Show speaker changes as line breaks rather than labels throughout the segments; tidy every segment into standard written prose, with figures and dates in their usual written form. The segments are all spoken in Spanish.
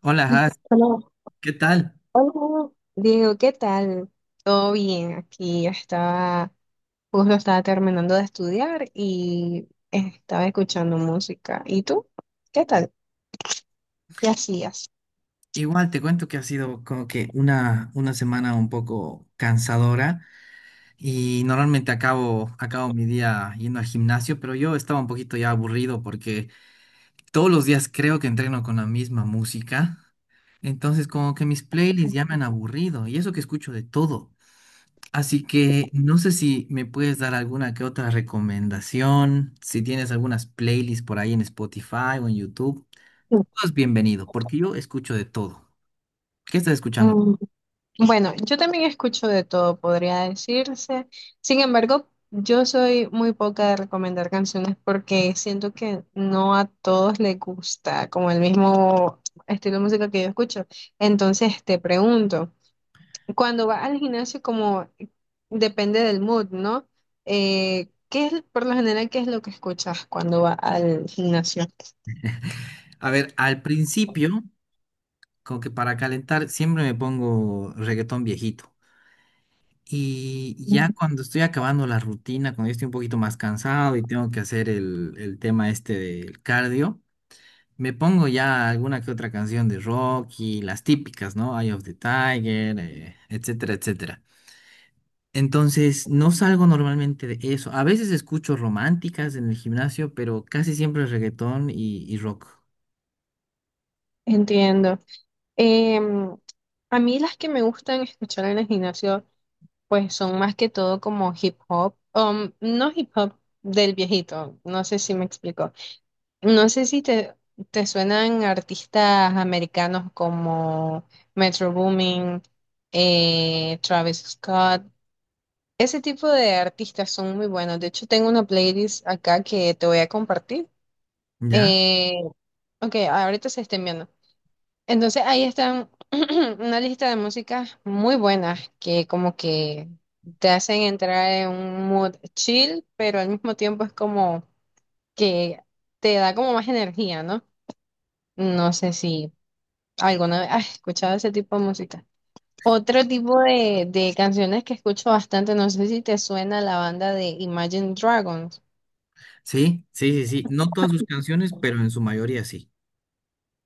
Hola, Has,
Hola,
¿qué tal?
hola, Diego, ¿qué tal? Todo bien, aquí justo estaba terminando de estudiar y estaba escuchando música. ¿Y tú? ¿Qué tal? ¿Qué hacías?
Igual te cuento que ha sido como que una semana un poco cansadora y normalmente acabo mi día yendo al gimnasio, pero yo estaba un poquito ya aburrido porque todos los días creo que entreno con la misma música. Entonces como que mis playlists ya me han aburrido, y eso que escucho de todo. Así que no sé si me puedes dar alguna que otra recomendación, si tienes algunas playlists por ahí en Spotify o en YouTube,
Mm,
todo es bienvenido porque yo escucho de todo. ¿Qué estás escuchando?
Mm, Bueno, yo también escucho de todo, podría decirse. Sin embargo, yo soy muy poca de recomendar canciones porque siento que no a todos les gusta como el mismo estilo de música que yo escucho. Entonces te pregunto. Cuando vas al gimnasio, como depende del mood, ¿no? ¿Qué es, por lo general, qué es lo que escuchas cuando vas al gimnasio?
A ver, al principio, como que para calentar, siempre me pongo reggaetón viejito. Y ya
Ujú.
cuando estoy acabando la rutina, cuando ya estoy un poquito más cansado y tengo que hacer el tema este del cardio, me pongo ya alguna que otra canción de rock y las típicas, ¿no? Eye of the Tiger, etcétera, etcétera. Entonces, no salgo normalmente de eso. A veces escucho románticas en el gimnasio, pero casi siempre reggaetón y rock,
Entiendo. Em, a mí las que me gustan escuchar en el gimnasio, pues son más que todo como hip hop, no hip hop del viejito, no sé si me explico. No sé si te suenan artistas americanos como Metro Boomin, Travis Scott. Ese tipo de artistas son muy buenos. De hecho, tengo una playlist acá que te voy a compartir.
¿ya?
Eh, ok, ahorita se está enviando. Entonces, ahí están una lista de músicas muy buenas que como que te hacen entrar en un mood chill, pero al mismo tiempo es como que te da como más energía, ¿no? No sé si alguna vez has escuchado ese tipo de música. Otro tipo de canciones que escucho bastante, no sé si te suena la banda de Imagine Dragons.
Sí, sí, sí, sí. No todas sus canciones, pero en su mayoría sí.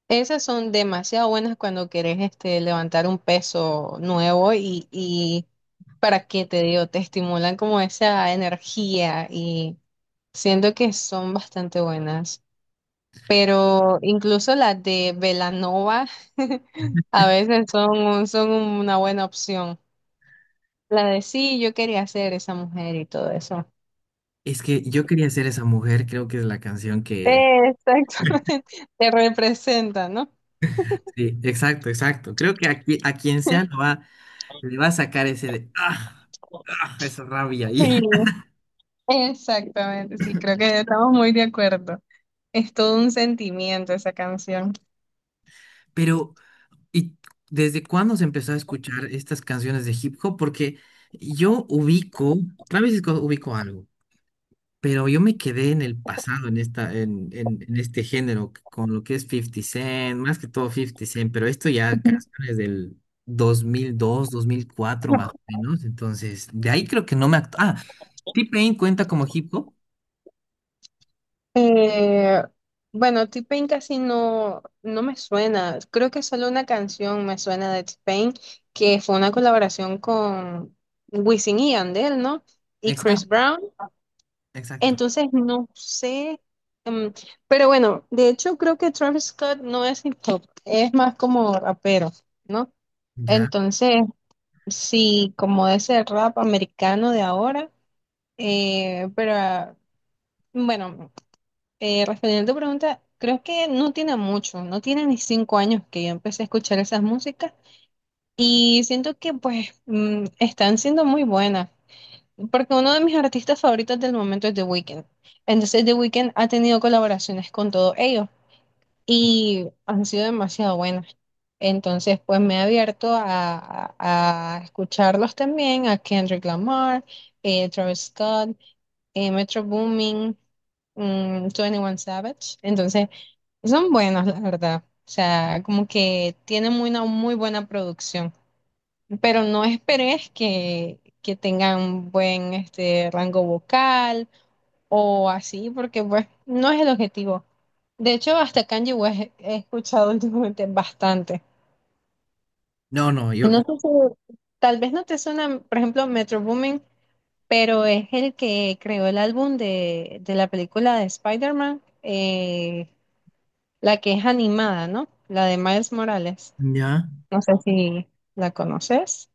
Esas son demasiado buenas cuando querés este, levantar un peso nuevo y para qué te digo, te estimulan como esa energía y siento que son bastante buenas. Pero incluso las de Belanova a veces son una buena opción. La de sí, yo quería ser esa mujer y todo eso.
Es que yo quería ser esa mujer, creo que es la canción que...
Exactamente, te representa, ¿no?
Sí, exacto, exacto. Creo que aquí, a quien sea lo va, le va a sacar ese de... ¡Ah! ¡Ah! Esa rabia ahí.
Sí, exactamente, sí, creo que estamos muy de acuerdo. Es todo un sentimiento esa canción.
Pero, ¿y desde cuándo se empezó a escuchar estas canciones de hip hop? Porque yo ubico, tal vez es cuando ubico algo. Pero yo me quedé en el pasado, en esta, en este género, con lo que es 50 Cent, más que todo 50 Cent, pero esto ya canciones del 2002, 2004 más o menos, entonces de ahí creo que no me... Ah, T-Pain cuenta como hip hop.
Eh, bueno, T-Pain casi no me suena. Creo que solo una canción me suena de T-Pain, que fue una colaboración con Wisin y Yandel, ¿no? Y Chris
Exacto,
Brown.
exacto.
Entonces, no sé. mm, pero bueno, de hecho, creo que Travis Scott no es hip hop, es más como rapero, ¿no?
Ya.
Entonces, sí, como ese rap americano de ahora, pero. Bueno, respondiendo a tu pregunta, creo que no tiene mucho, no tiene ni cinco años que yo empecé a escuchar esas músicas y siento que pues están siendo muy buenas, porque uno de mis artistas favoritos del momento es The Weeknd. Entonces The Weeknd ha tenido colaboraciones con todos ellos y han sido demasiado buenas. Entonces pues me he abierto a, a escucharlos también, a Kendrick Lamar, Travis Scott, Metro Boomin. Twenty One Savage. Entonces, son buenos, la verdad. O sea, como que tienen muy- una muy buena producción, pero no esperes que tengan un buen este, rango vocal o así, porque pues no es el objetivo. De hecho, hasta Kanye West he escuchado últimamente bastante.
No, no, yo,
No sé si- tal vez no te suena, por ejemplo, Metro Boomin, pero es el que creó el álbum de la película de Spider-Man, la que es animada, ¿no? La de Miles Morales.
Ya.
No sé si la conoces.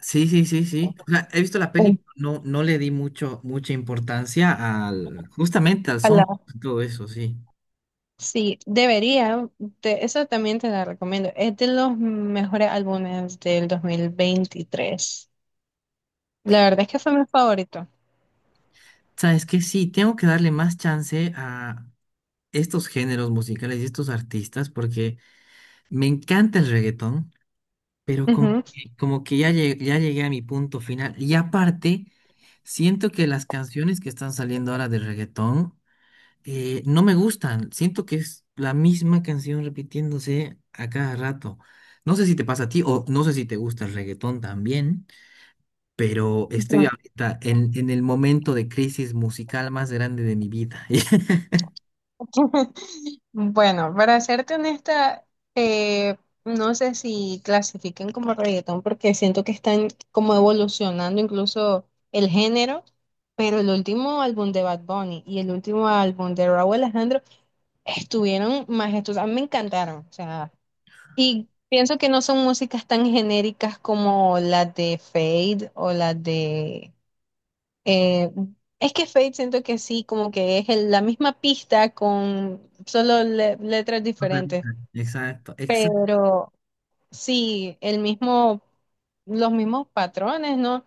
Sí, sí, sí, sí. O sea, he visto la peli, pero no, no le di mucho, mucha importancia al, justamente al son,
Ojalá.
todo eso, sí.
Sí, debería. Te- esa también te la recomiendo. Es de los mejores álbumes del 2023. La verdad es que fue mi favorito.
¿Sabes qué? Sí, tengo que darle más chance a estos géneros musicales y estos artistas porque me encanta el reggaetón, pero como,
Ujú.
como que ya, ya llegué a mi punto final. Y aparte, siento que las canciones que están saliendo ahora de reggaetón no me gustan. Siento que es la misma canción repitiéndose a cada rato. No sé si te pasa a ti o no sé si te gusta el reggaetón también, pero estoy
Ya.
ahorita en el momento de crisis musical más grande de mi vida.
Bueno, para serte honesta, eh, no sé si clasifiquen como reggaetón porque siento que están como evolucionando incluso el género, pero el último álbum de Bad Bunny y el último álbum de Rauw Alejandro estuvieron majestuosas, a mí me encantaron, o sea, y pienso que no son músicas tan genéricas como las de Fade o las de... eh, es que Fade siento que sí, como que es el- la misma pista con solo letras diferentes,
Exacto, exacto.
pero sí, el mismo, los mismos patrones, ¿no?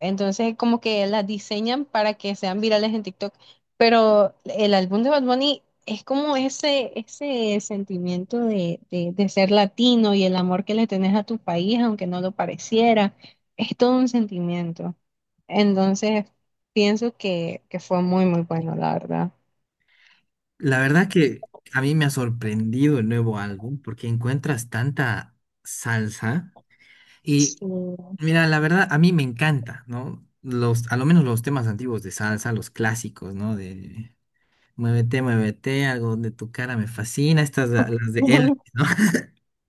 Entonces, como que las diseñan para que sean virales en TikTok. Pero el álbum de Bad Bunny es como ese sentimiento de, de ser latino y el amor que le tenés a tu país, aunque no lo pareciera. Es todo un sentimiento. Entonces, pienso que fue muy, muy bueno, la verdad.
La verdad que a mí me ha sorprendido el nuevo álbum porque encuentras tanta salsa. Y
Sí.
mira, la verdad a mí me encanta, ¿no? Los, a lo menos los temas antiguos de salsa, los clásicos, ¿no? De Muévete, muévete, algo de tu cara me fascina, estas las de él, ¿no?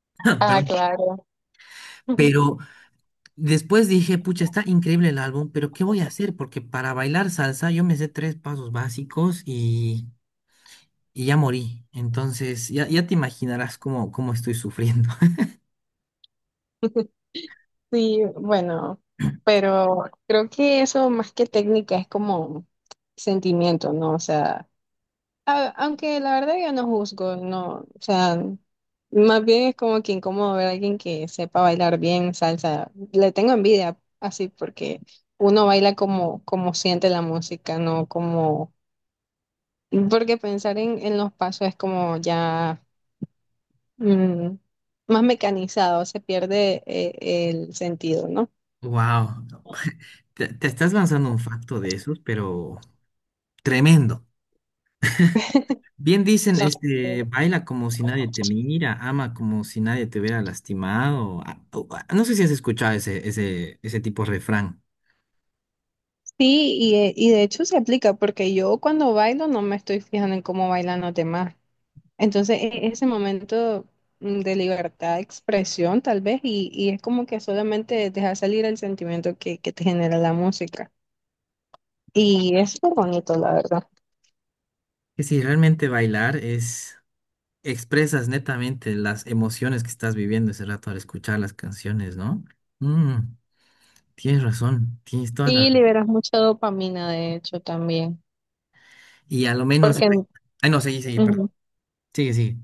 Ah,
Perdón.
claro.
Pero después dije, pucha, está increíble el álbum, pero ¿qué voy a hacer? Porque para bailar salsa yo me sé tres pasos básicos y ya morí. Entonces, ya, ya te imaginarás cómo, cómo estoy sufriendo.
Sí, bueno, pero creo que eso más que técnica es como sentimiento, ¿no? O sea. Aunque la verdad yo no juzgo, no, o sea, más bien es como que incómodo ver a alguien que sepa bailar bien salsa. Le tengo envidia así porque uno baila como, como siente la música, no como, porque pensar en los pasos es como ya mm, más mecanizado, se pierde el sentido, ¿no?
Wow, te estás lanzando un facto de esos, pero tremendo. Bien dicen, este,
Claro.
baila como si nadie te mira, ama como si nadie te hubiera lastimado. Ah, oh, ah, no sé si has escuchado ese, ese, ese tipo de refrán.
Sí, y de hecho se aplica porque yo cuando bailo no me estoy fijando en cómo bailan los demás. Entonces ese momento de libertad de expresión tal vez y es como que solamente dejar salir el sentimiento que te genera la música. Y es muy bonito, la verdad.
Que si realmente bailar es, expresas netamente las emociones que estás viviendo ese rato al escuchar las canciones, ¿no? Mm, tienes razón, tienes toda la
Y
razón.
liberas mucha dopamina, de hecho, también.
Y a lo menos...
Porque
Ay, no, seguí, seguí, perdón.
ujú.
Sigue, sigue.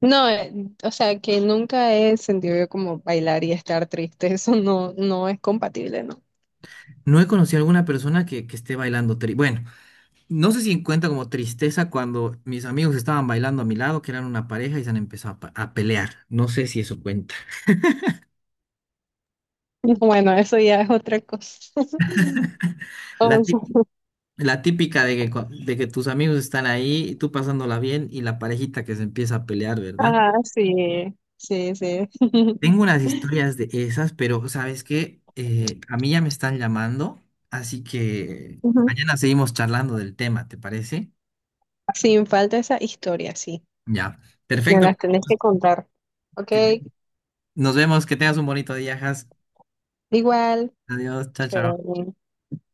No, o sea, que nunca he sentido yo como bailar y estar triste. Eso no es compatible, ¿no?
No he conocido a alguna persona que esté bailando Bueno, no sé si cuenta como tristeza cuando mis amigos estaban bailando a mi lado, que eran una pareja y se han empezado a, a pelear. No sé si eso cuenta.
Bueno, eso ya es otra cosa.
La,
O sea,
la típica de que, de que tus amigos están ahí, tú pasándola bien y la parejita que se empieza a pelear, ¿verdad?
ah, sí, sí, sí.
Tengo unas historias de esas, pero ¿sabes qué? A mí ya me están llamando, así que
Ujú.
mañana seguimos charlando del tema, ¿te parece?
Sin falta esa historia, sí.
Ya,
Me
perfecto.
las tenés que contar. Ok,
Que- Nos vemos, que tengas un bonito día, Has.
igual.
Adiós, chao,
Te-
chao.